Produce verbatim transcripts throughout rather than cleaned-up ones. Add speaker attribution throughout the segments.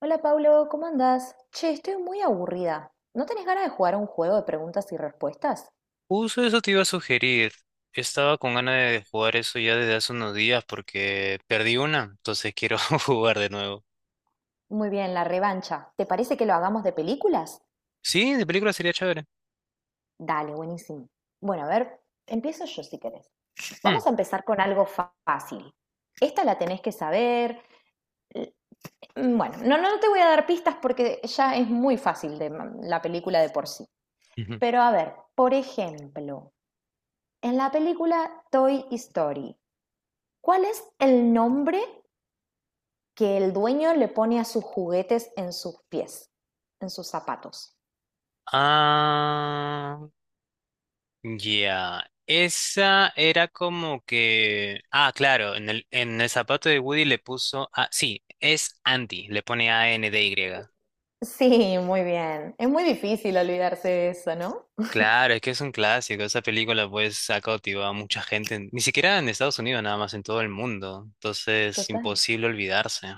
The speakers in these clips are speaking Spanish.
Speaker 1: Hola Pablo, ¿cómo andás? Che, estoy muy aburrida. ¿No tenés ganas de jugar a un juego de preguntas y respuestas?
Speaker 2: Justo eso te iba a sugerir. Estaba con ganas de jugar eso ya desde hace unos días porque perdí una, entonces quiero jugar de nuevo.
Speaker 1: Muy bien, la revancha. ¿Te parece que lo hagamos de películas?
Speaker 2: Sí, de película sería chévere.
Speaker 1: Dale, buenísimo. Bueno, a ver, empiezo yo si querés.
Speaker 2: Mm.
Speaker 1: Vamos a empezar con algo fa- fácil. Esta la tenés que saber. L- mm, Bueno, no, no te voy a dar pistas porque ya es muy fácil de ma- la película de por sí.
Speaker 2: Ujú.
Speaker 1: Pero a ver, por ejemplo, en la película Toy Story, ¿cuál es el nombre que el dueño le pone a sus juguetes en sus pies, en sus zapatos?
Speaker 2: Ah, ya. Esa era como que... Ah, claro, en el, en el zapato de Woody le puso... Ah, sí, es Andy, le pone A-N-D-Y.
Speaker 1: Sí, muy bien. Es muy difícil olvidarse de eso, ¿no?
Speaker 2: Claro, es que es un clásico. Esa película pues ha cautivado a mucha gente, en- ni siquiera en Estados Unidos, nada más en todo el mundo. Entonces,
Speaker 1: Total,
Speaker 2: imposible olvidarse.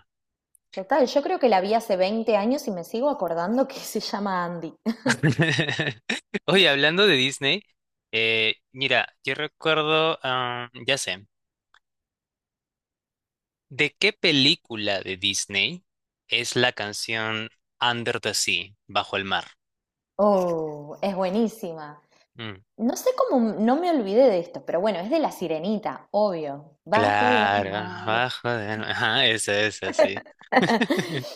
Speaker 1: total. Yo creo que la vi hace veinte años y me sigo acordando que se llama Andy.
Speaker 2: Oye, hablando de Disney, eh, mira, yo recuerdo, ah, ya sé, ¿de qué película de Disney es la canción Under the Sea, bajo el mar?
Speaker 1: Oh, es buenísima.
Speaker 2: Mm,
Speaker 1: No sé cómo no me olvidé de esto, pero bueno, es de la sirenita, obvio. Bajo del
Speaker 2: claro,
Speaker 1: mar.
Speaker 2: bajo el mar. Ajá, esa, esa, sí.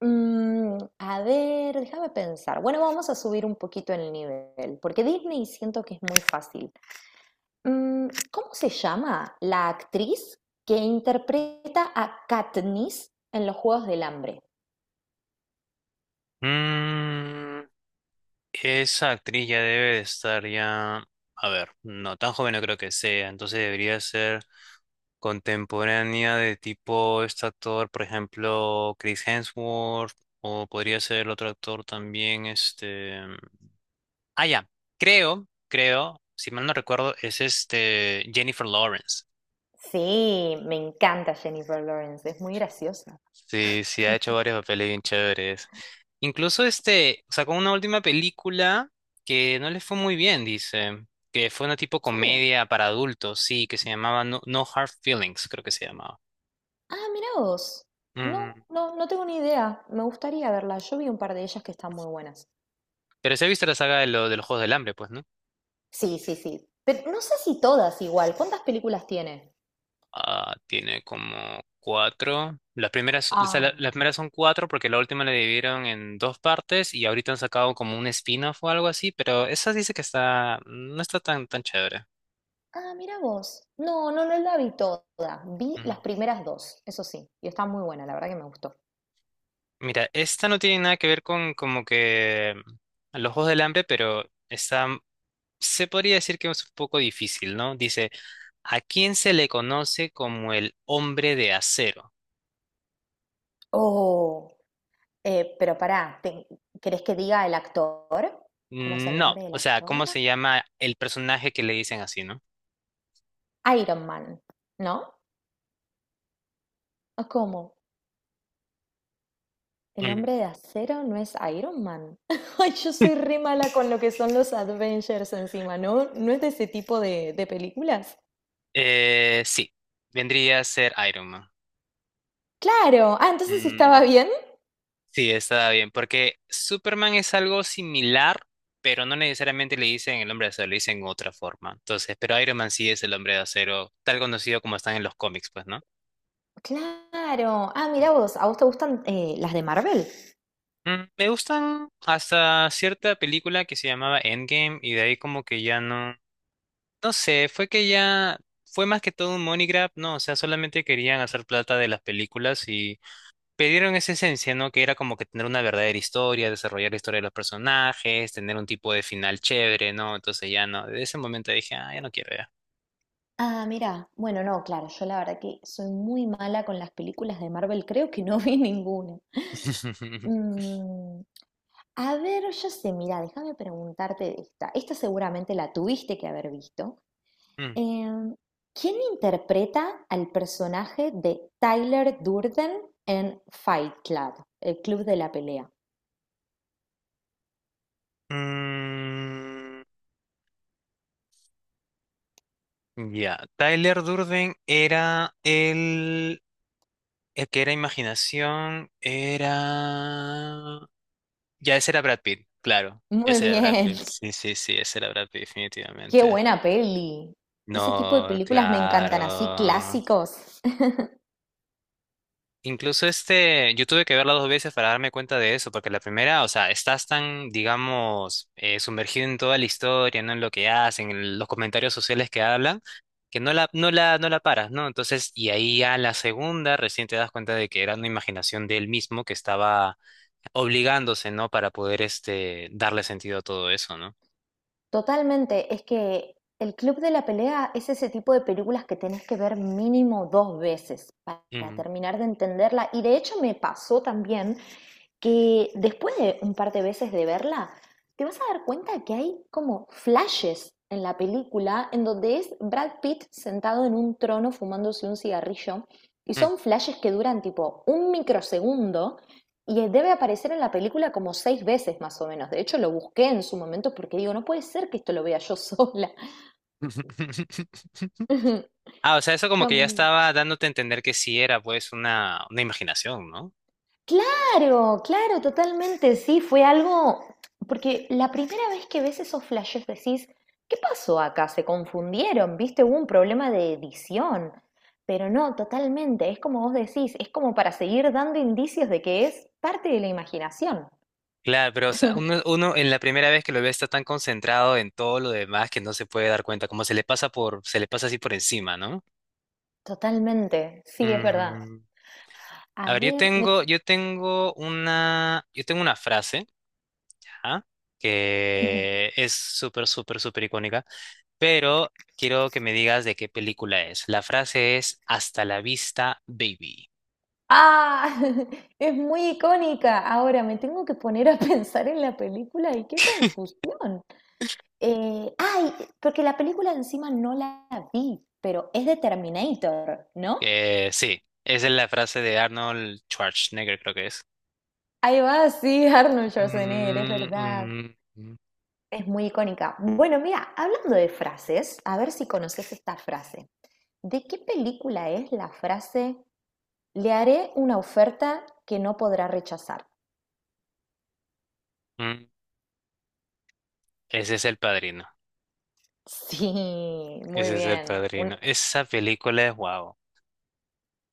Speaker 1: Mm, a ver, déjame pensar. Bueno, vamos a subir un poquito el nivel, porque Disney siento que es muy fácil. Mm, ¿cómo se llama la actriz que interpreta a Katniss en Los Juegos del Hambre?
Speaker 2: Mm. Esa actriz ya debe de estar ya, a ver, no tan joven no creo que sea, entonces debería ser contemporánea de tipo este actor, por ejemplo, Chris Hemsworth, o podría ser el otro actor también, este... Ah, ya, creo, creo, si mal no recuerdo, es este Jennifer Lawrence.
Speaker 1: Sí, me encanta Jennifer Lawrence, es muy graciosa.
Speaker 2: Sí, sí, ha hecho varios papeles bien chéveres. Incluso este, sacó una última película que no le fue muy bien, dice, que fue una tipo
Speaker 1: ¿En serio?
Speaker 2: comedia para adultos, sí, que se llamaba No, No Hard Feelings, creo que se llamaba.
Speaker 1: Ah, mirá vos. No,
Speaker 2: Mm.
Speaker 1: no, no tengo ni idea. Me gustaría verla. Yo vi un par de ellas que están muy buenas.
Speaker 2: Pero se ha visto la saga de, lo- de los Juegos del Hambre, pues, ¿no?
Speaker 1: Sí, sí, sí. Pero no sé si todas igual. ¿Cuántas películas tiene?
Speaker 2: Ah, tiene como cuatro. Las primeras, o sea,
Speaker 1: Ah.
Speaker 2: la- las primeras son cuatro porque la última la dividieron en dos partes y ahorita han sacado como un spin-off o algo así, pero esa dice que está, no está tan, tan chévere.
Speaker 1: Ah, mirá vos. No, no, no la vi toda. Vi las primeras dos, eso sí. Y está muy buena, la verdad que me gustó.
Speaker 2: Mira, esta no tiene nada que ver con como que a los Juegos del Hambre, pero está, mm, se podría decir que es un poco difícil, ¿no? Dice, ¿a quién se le conoce como el hombre de acero?
Speaker 1: Oh. Eh, pero pará, te- ¿querés que diga el actor? ¿Cómo es el
Speaker 2: Mm, No,
Speaker 1: nombre del
Speaker 2: o sea,
Speaker 1: actor?
Speaker 2: ¿cómo se llama el personaje que le dicen así, ¿no?
Speaker 1: Iron Man, ¿no? ¿Cómo? ¿El
Speaker 2: Mm,
Speaker 1: hombre de acero no es Iron Man? Ay, yo soy re mala con lo que son los Avengers encima, ¿no? ¿No es de ese tipo de, de películas?
Speaker 2: eh, sí, vendría a ser Iron Man.
Speaker 1: Claro, ah, entonces estaba bien.
Speaker 2: Sí, está bien, porque Superman es algo similar, pero no necesariamente le dicen el hombre de acero, le dicen otra forma. Entonces, pero Iron Man sí es el hombre de acero, tal conocido como están en los cómics, pues, ¿no?
Speaker 1: Claro, ah, mira vos, ¿a vos te gustan eh, las de Marvel?
Speaker 2: Mm, me gustan hasta cierta película que se llamaba Endgame y de ahí como que ya no, no sé, fue que ya fue más que todo un money grab, ¿no? O sea, solamente querían hacer plata de las películas perdieron esa esencia, ¿no? Que era como que tener una verdadera historia, desarrollar la historia de los personajes, tener un tipo de final chévere, ¿no? Entonces ya no, desde ese momento dije, ah, ya no quiero ya.
Speaker 1: Ah, mira, bueno, no, claro, yo la verdad que soy muy mala con las películas de Marvel, creo que no vi ninguna. Mm, A ver, yo sé, mira, déjame preguntarte de esta. Esta seguramente la tuviste que haber visto.
Speaker 2: Mm.
Speaker 1: Em, ¿quién interpreta al personaje de Tyler Durden en Fight Club, el club de la pelea?
Speaker 2: Mm. Ya, Tyler Durden era el, el que era imaginación, era... Ya, ese era Brad Pitt, claro,
Speaker 1: Muy
Speaker 2: ese era Brad
Speaker 1: bien,
Speaker 2: Pitt, sí, sí, sí, ese era Brad Pitt,
Speaker 1: qué
Speaker 2: definitivamente.
Speaker 1: buena peli. Ese tipo de
Speaker 2: No,
Speaker 1: películas me encantan, así
Speaker 2: claro.
Speaker 1: clásicos.
Speaker 2: Incluso este, yo tuve que verla dos veces para darme cuenta de eso, porque la primera, o sea, estás tan, digamos, eh, sumergido en toda la historia, ¿no? En lo que hacen, en los comentarios sociales que hablan, que no la, no la, no la paras, ¿no? Entonces, y ahí ya la segunda, recién te das cuenta de que era una imaginación de él mismo que estaba obligándose, ¿no? Para poder, este, darle sentido a todo eso, ¿no?
Speaker 1: Totalmente, es que el Club de la Pelea es ese tipo de películas que tenés que ver mínimo dos veces para
Speaker 2: Mm,
Speaker 1: terminar de entenderla. Y de hecho me pasó también que después de un par de veces de verla, te vas a dar cuenta que hay como flashes en la película en donde es Brad Pitt sentado en un trono fumándose un cigarrillo y
Speaker 2: mm.
Speaker 1: son flashes que duran tipo un microsegundo y debe aparecer en la película como seis veces más o menos. De hecho, lo busqué en su momento porque digo, no puede ser que esto lo vea yo sola.
Speaker 2: Ah, o sea, eso como
Speaker 1: Está
Speaker 2: que ya
Speaker 1: muy
Speaker 2: estaba dándote a entender que sí era, pues, una, una imaginación, ¿no?
Speaker 1: claro, claro, totalmente, sí, fue algo, porque la primera vez que ves esos flashes decís, ¿qué pasó acá? Se confundieron, viste, hubo un problema de edición, pero no, totalmente, es como vos decís, es como para seguir dando indicios de que es parte de la imaginación,
Speaker 2: Claro, pero o sea, uno, uno en la primera vez que lo ve está tan concentrado en todo lo demás que no se puede dar cuenta, como se le pasa por, se le pasa así por encima, ¿no?
Speaker 1: totalmente, sí, es verdad.
Speaker 2: Mm.
Speaker 1: A
Speaker 2: A ver, yo
Speaker 1: ver, me...
Speaker 2: tengo, yo tengo una, yo tengo una frase, ajá,
Speaker 1: Ujú.
Speaker 2: que es súper, súper, súper icónica, pero quiero que me digas de qué película es. La frase es Hasta la vista, baby.
Speaker 1: Ah, es muy icónica. Ahora me tengo que poner a pensar en la película y qué confusión. Eh, ay, porque la película encima no la vi, pero es de Terminator, ¿no?
Speaker 2: Eh, sí, esa es la frase de Arnold Schwarzenegger, creo que es.
Speaker 1: Ahí va, sí, Arnold Schwarzenegger, es
Speaker 2: Mm,
Speaker 1: verdad.
Speaker 2: mm, mm.
Speaker 1: Es muy icónica. Bueno, mira, hablando de frases, a ver si conoces esta frase. ¿De qué película es la frase «Le haré una oferta que no podrá rechazar»?
Speaker 2: Mm. Ese es El Padrino.
Speaker 1: Sí, muy
Speaker 2: Ese es El
Speaker 1: bien. Un-
Speaker 2: Padrino. Esa película es guau.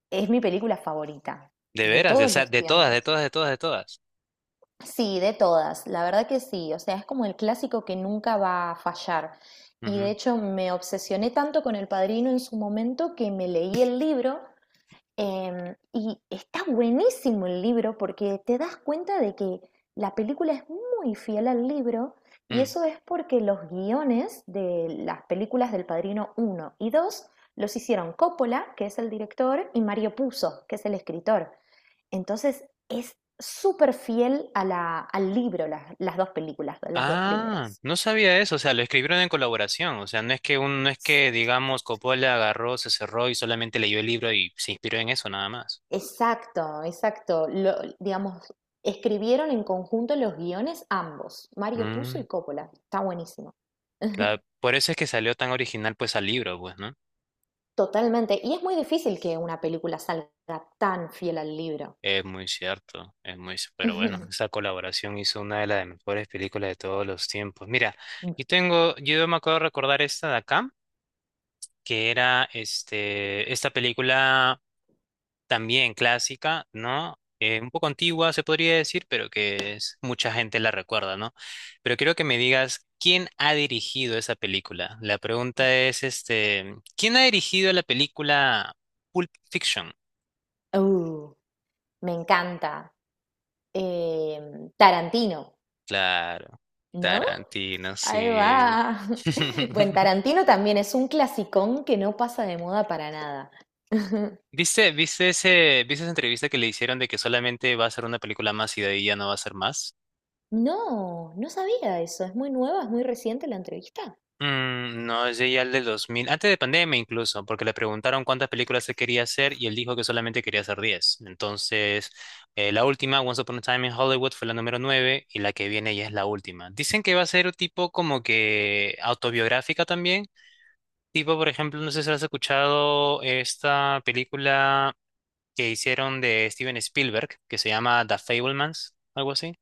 Speaker 1: es mi película favorita
Speaker 2: De
Speaker 1: de
Speaker 2: veras, de, o
Speaker 1: todos
Speaker 2: sea,
Speaker 1: los
Speaker 2: de todas, de
Speaker 1: tiempos.
Speaker 2: todas, de todas, de todas.
Speaker 1: Sí, de todas, la verdad que sí, o sea, es como el clásico que nunca va a fallar. Y de
Speaker 2: Ujú.
Speaker 1: hecho me obsesioné tanto con El Padrino en su momento que me leí el libro, em, y está buenísimo el libro porque te das cuenta de que la película es muy fiel al libro y
Speaker 2: Mm.
Speaker 1: eso es porque los guiones de las películas del Padrino uno y dos los hicieron Coppola, que es el director, y Mario Puzo, que es el escritor. Entonces es súper fiel a la, al libro, las, las dos películas, las dos
Speaker 2: Ah,
Speaker 1: primeras.
Speaker 2: no sabía eso, o sea, lo escribieron en colaboración, o sea, no es que un, no es que, digamos, Coppola agarró, se cerró y solamente leyó el libro y se inspiró en eso nada más.
Speaker 1: Exacto, exacto. Lo- digamos, escribieron en conjunto los guiones ambos, Mario Puzo
Speaker 2: Mm,
Speaker 1: y Coppola. Está buenísimo.
Speaker 2: claro, por eso es que salió tan original pues al libro, pues, ¿no?
Speaker 1: Totalmente. Y es muy difícil que una película salga tan fiel al libro.
Speaker 2: Es muy cierto, es muy, c- pero bueno, esa colaboración hizo una de las mejores películas de todos los tiempos. Mira, yo tengo, yo me acuerdo de recordar esta de acá, que era este, esta película también clásica, ¿no? Eh, un poco antigua, se podría decir, pero que es- mucha gente la recuerda, ¿no? Pero quiero que me digas, ¿quién ha dirigido esa película? La pregunta es, este, ¿quién ha dirigido la película Pulp Fiction?
Speaker 1: Uh, me encanta. Em, Tarantino,
Speaker 2: Claro,
Speaker 1: ¿no?
Speaker 2: Tarantino,
Speaker 1: Ahí
Speaker 2: sí.
Speaker 1: va. Bueno, Tarantino también es un clasicón que no pasa de moda para nada.
Speaker 2: ¿Viste, viste ese, viste esa entrevista que le hicieron de que solamente va a ser una película más y de ahí ya no va a ser más?
Speaker 1: No, no sabía eso. ¿Es muy nueva? ¿Es muy reciente la entrevista?
Speaker 2: Mm, no, es ya el del dos mil antes de pandemia incluso, porque le preguntaron cuántas películas se quería hacer y él dijo que solamente quería hacer diez. Entonces, eh, la última, Once Upon a Time in Hollywood, fue la número nueve y la que viene ya es la última. Dicen que va a ser un tipo como que autobiográfica también. Tipo, por ejemplo, no sé si has escuchado esta película que hicieron de Steven Spielberg, que se llama The Fablemans, algo así.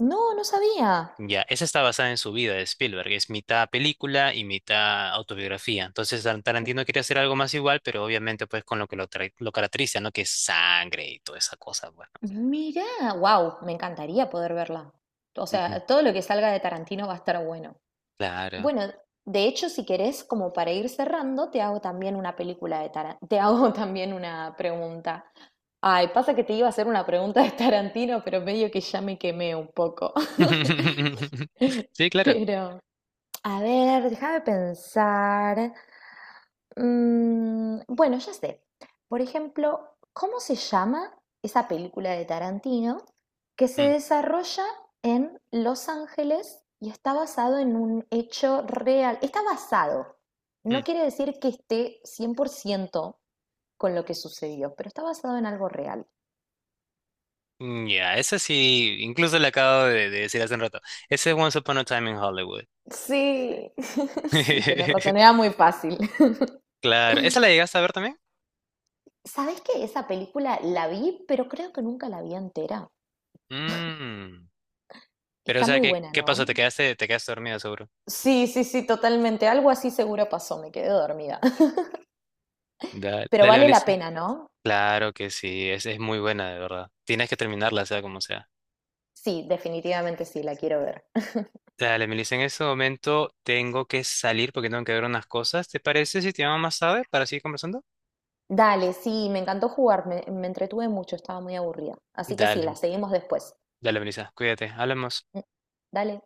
Speaker 1: No, no sabía.
Speaker 2: Ya, esa está basada en su vida de Spielberg, es mitad película y mitad autobiografía. Entonces Tar- Tarantino quería hacer algo más igual, pero obviamente pues con lo que lo, tra- lo caracteriza, ¿no? Que es sangre y toda esa cosa, bueno.
Speaker 1: Mirá, wow, me encantaría poder verla. O
Speaker 2: Ujú.
Speaker 1: sea, todo lo que salga de Tarantino va a estar bueno.
Speaker 2: Claro.
Speaker 1: Bueno, de hecho, si querés, como para ir cerrando, te hago también una película de Tarantino. Te hago también una pregunta. Ay, pasa que te iba a hacer una pregunta de Tarantino, pero medio que ya me quemé un poco.
Speaker 2: Sí, claro.
Speaker 1: Pero, a ver, déjame pensar. Mm, bueno, ya sé. Por ejemplo, ¿cómo se llama esa película de Tarantino que se
Speaker 2: Mm,
Speaker 1: desarrolla en Los Ángeles y está basado en un hecho real? Está basado. No
Speaker 2: mm.
Speaker 1: quiere decir que esté cien por ciento con lo que sucedió, pero está basado en algo real.
Speaker 2: Mm. Ya, esa sí, incluso le acabo de, de decir hace un rato. Ese es Once Upon a Time in Hollywood.
Speaker 1: Sí, sí, tenés razón, era muy fácil.
Speaker 2: Claro, ¿esa la llegaste a ver también?
Speaker 1: ¿Sabés que esa película la vi, pero creo que nunca la vi entera?
Speaker 2: Mm. Pero o
Speaker 1: Está
Speaker 2: sea,
Speaker 1: muy
Speaker 2: ¿qué,
Speaker 1: buena,
Speaker 2: qué pasó? ¿Te
Speaker 1: ¿no?
Speaker 2: quedaste, te quedaste dormido seguro?
Speaker 1: Sí, sí, sí, totalmente. Algo así seguro pasó, me quedé dormida.
Speaker 2: Dale,
Speaker 1: Pero
Speaker 2: dale,
Speaker 1: vale la
Speaker 2: Melissa.
Speaker 1: pena, ¿no?
Speaker 2: Claro que sí, es, es muy buena, de verdad. Tienes que terminarla, sea como sea.
Speaker 1: Sí, definitivamente sí, la quiero ver.
Speaker 2: Dale, Melissa, en este momento tengo que salir porque tengo que ver unas cosas. ¿Te parece si te llamo más tarde para seguir conversando?
Speaker 1: Dale, sí, me encantó jugar, me, me entretuve mucho, estaba muy aburrida. Así que sí, la
Speaker 2: Dale,
Speaker 1: seguimos después.
Speaker 2: dale, Melissa, cuídate, hablamos.
Speaker 1: Mm, Dale.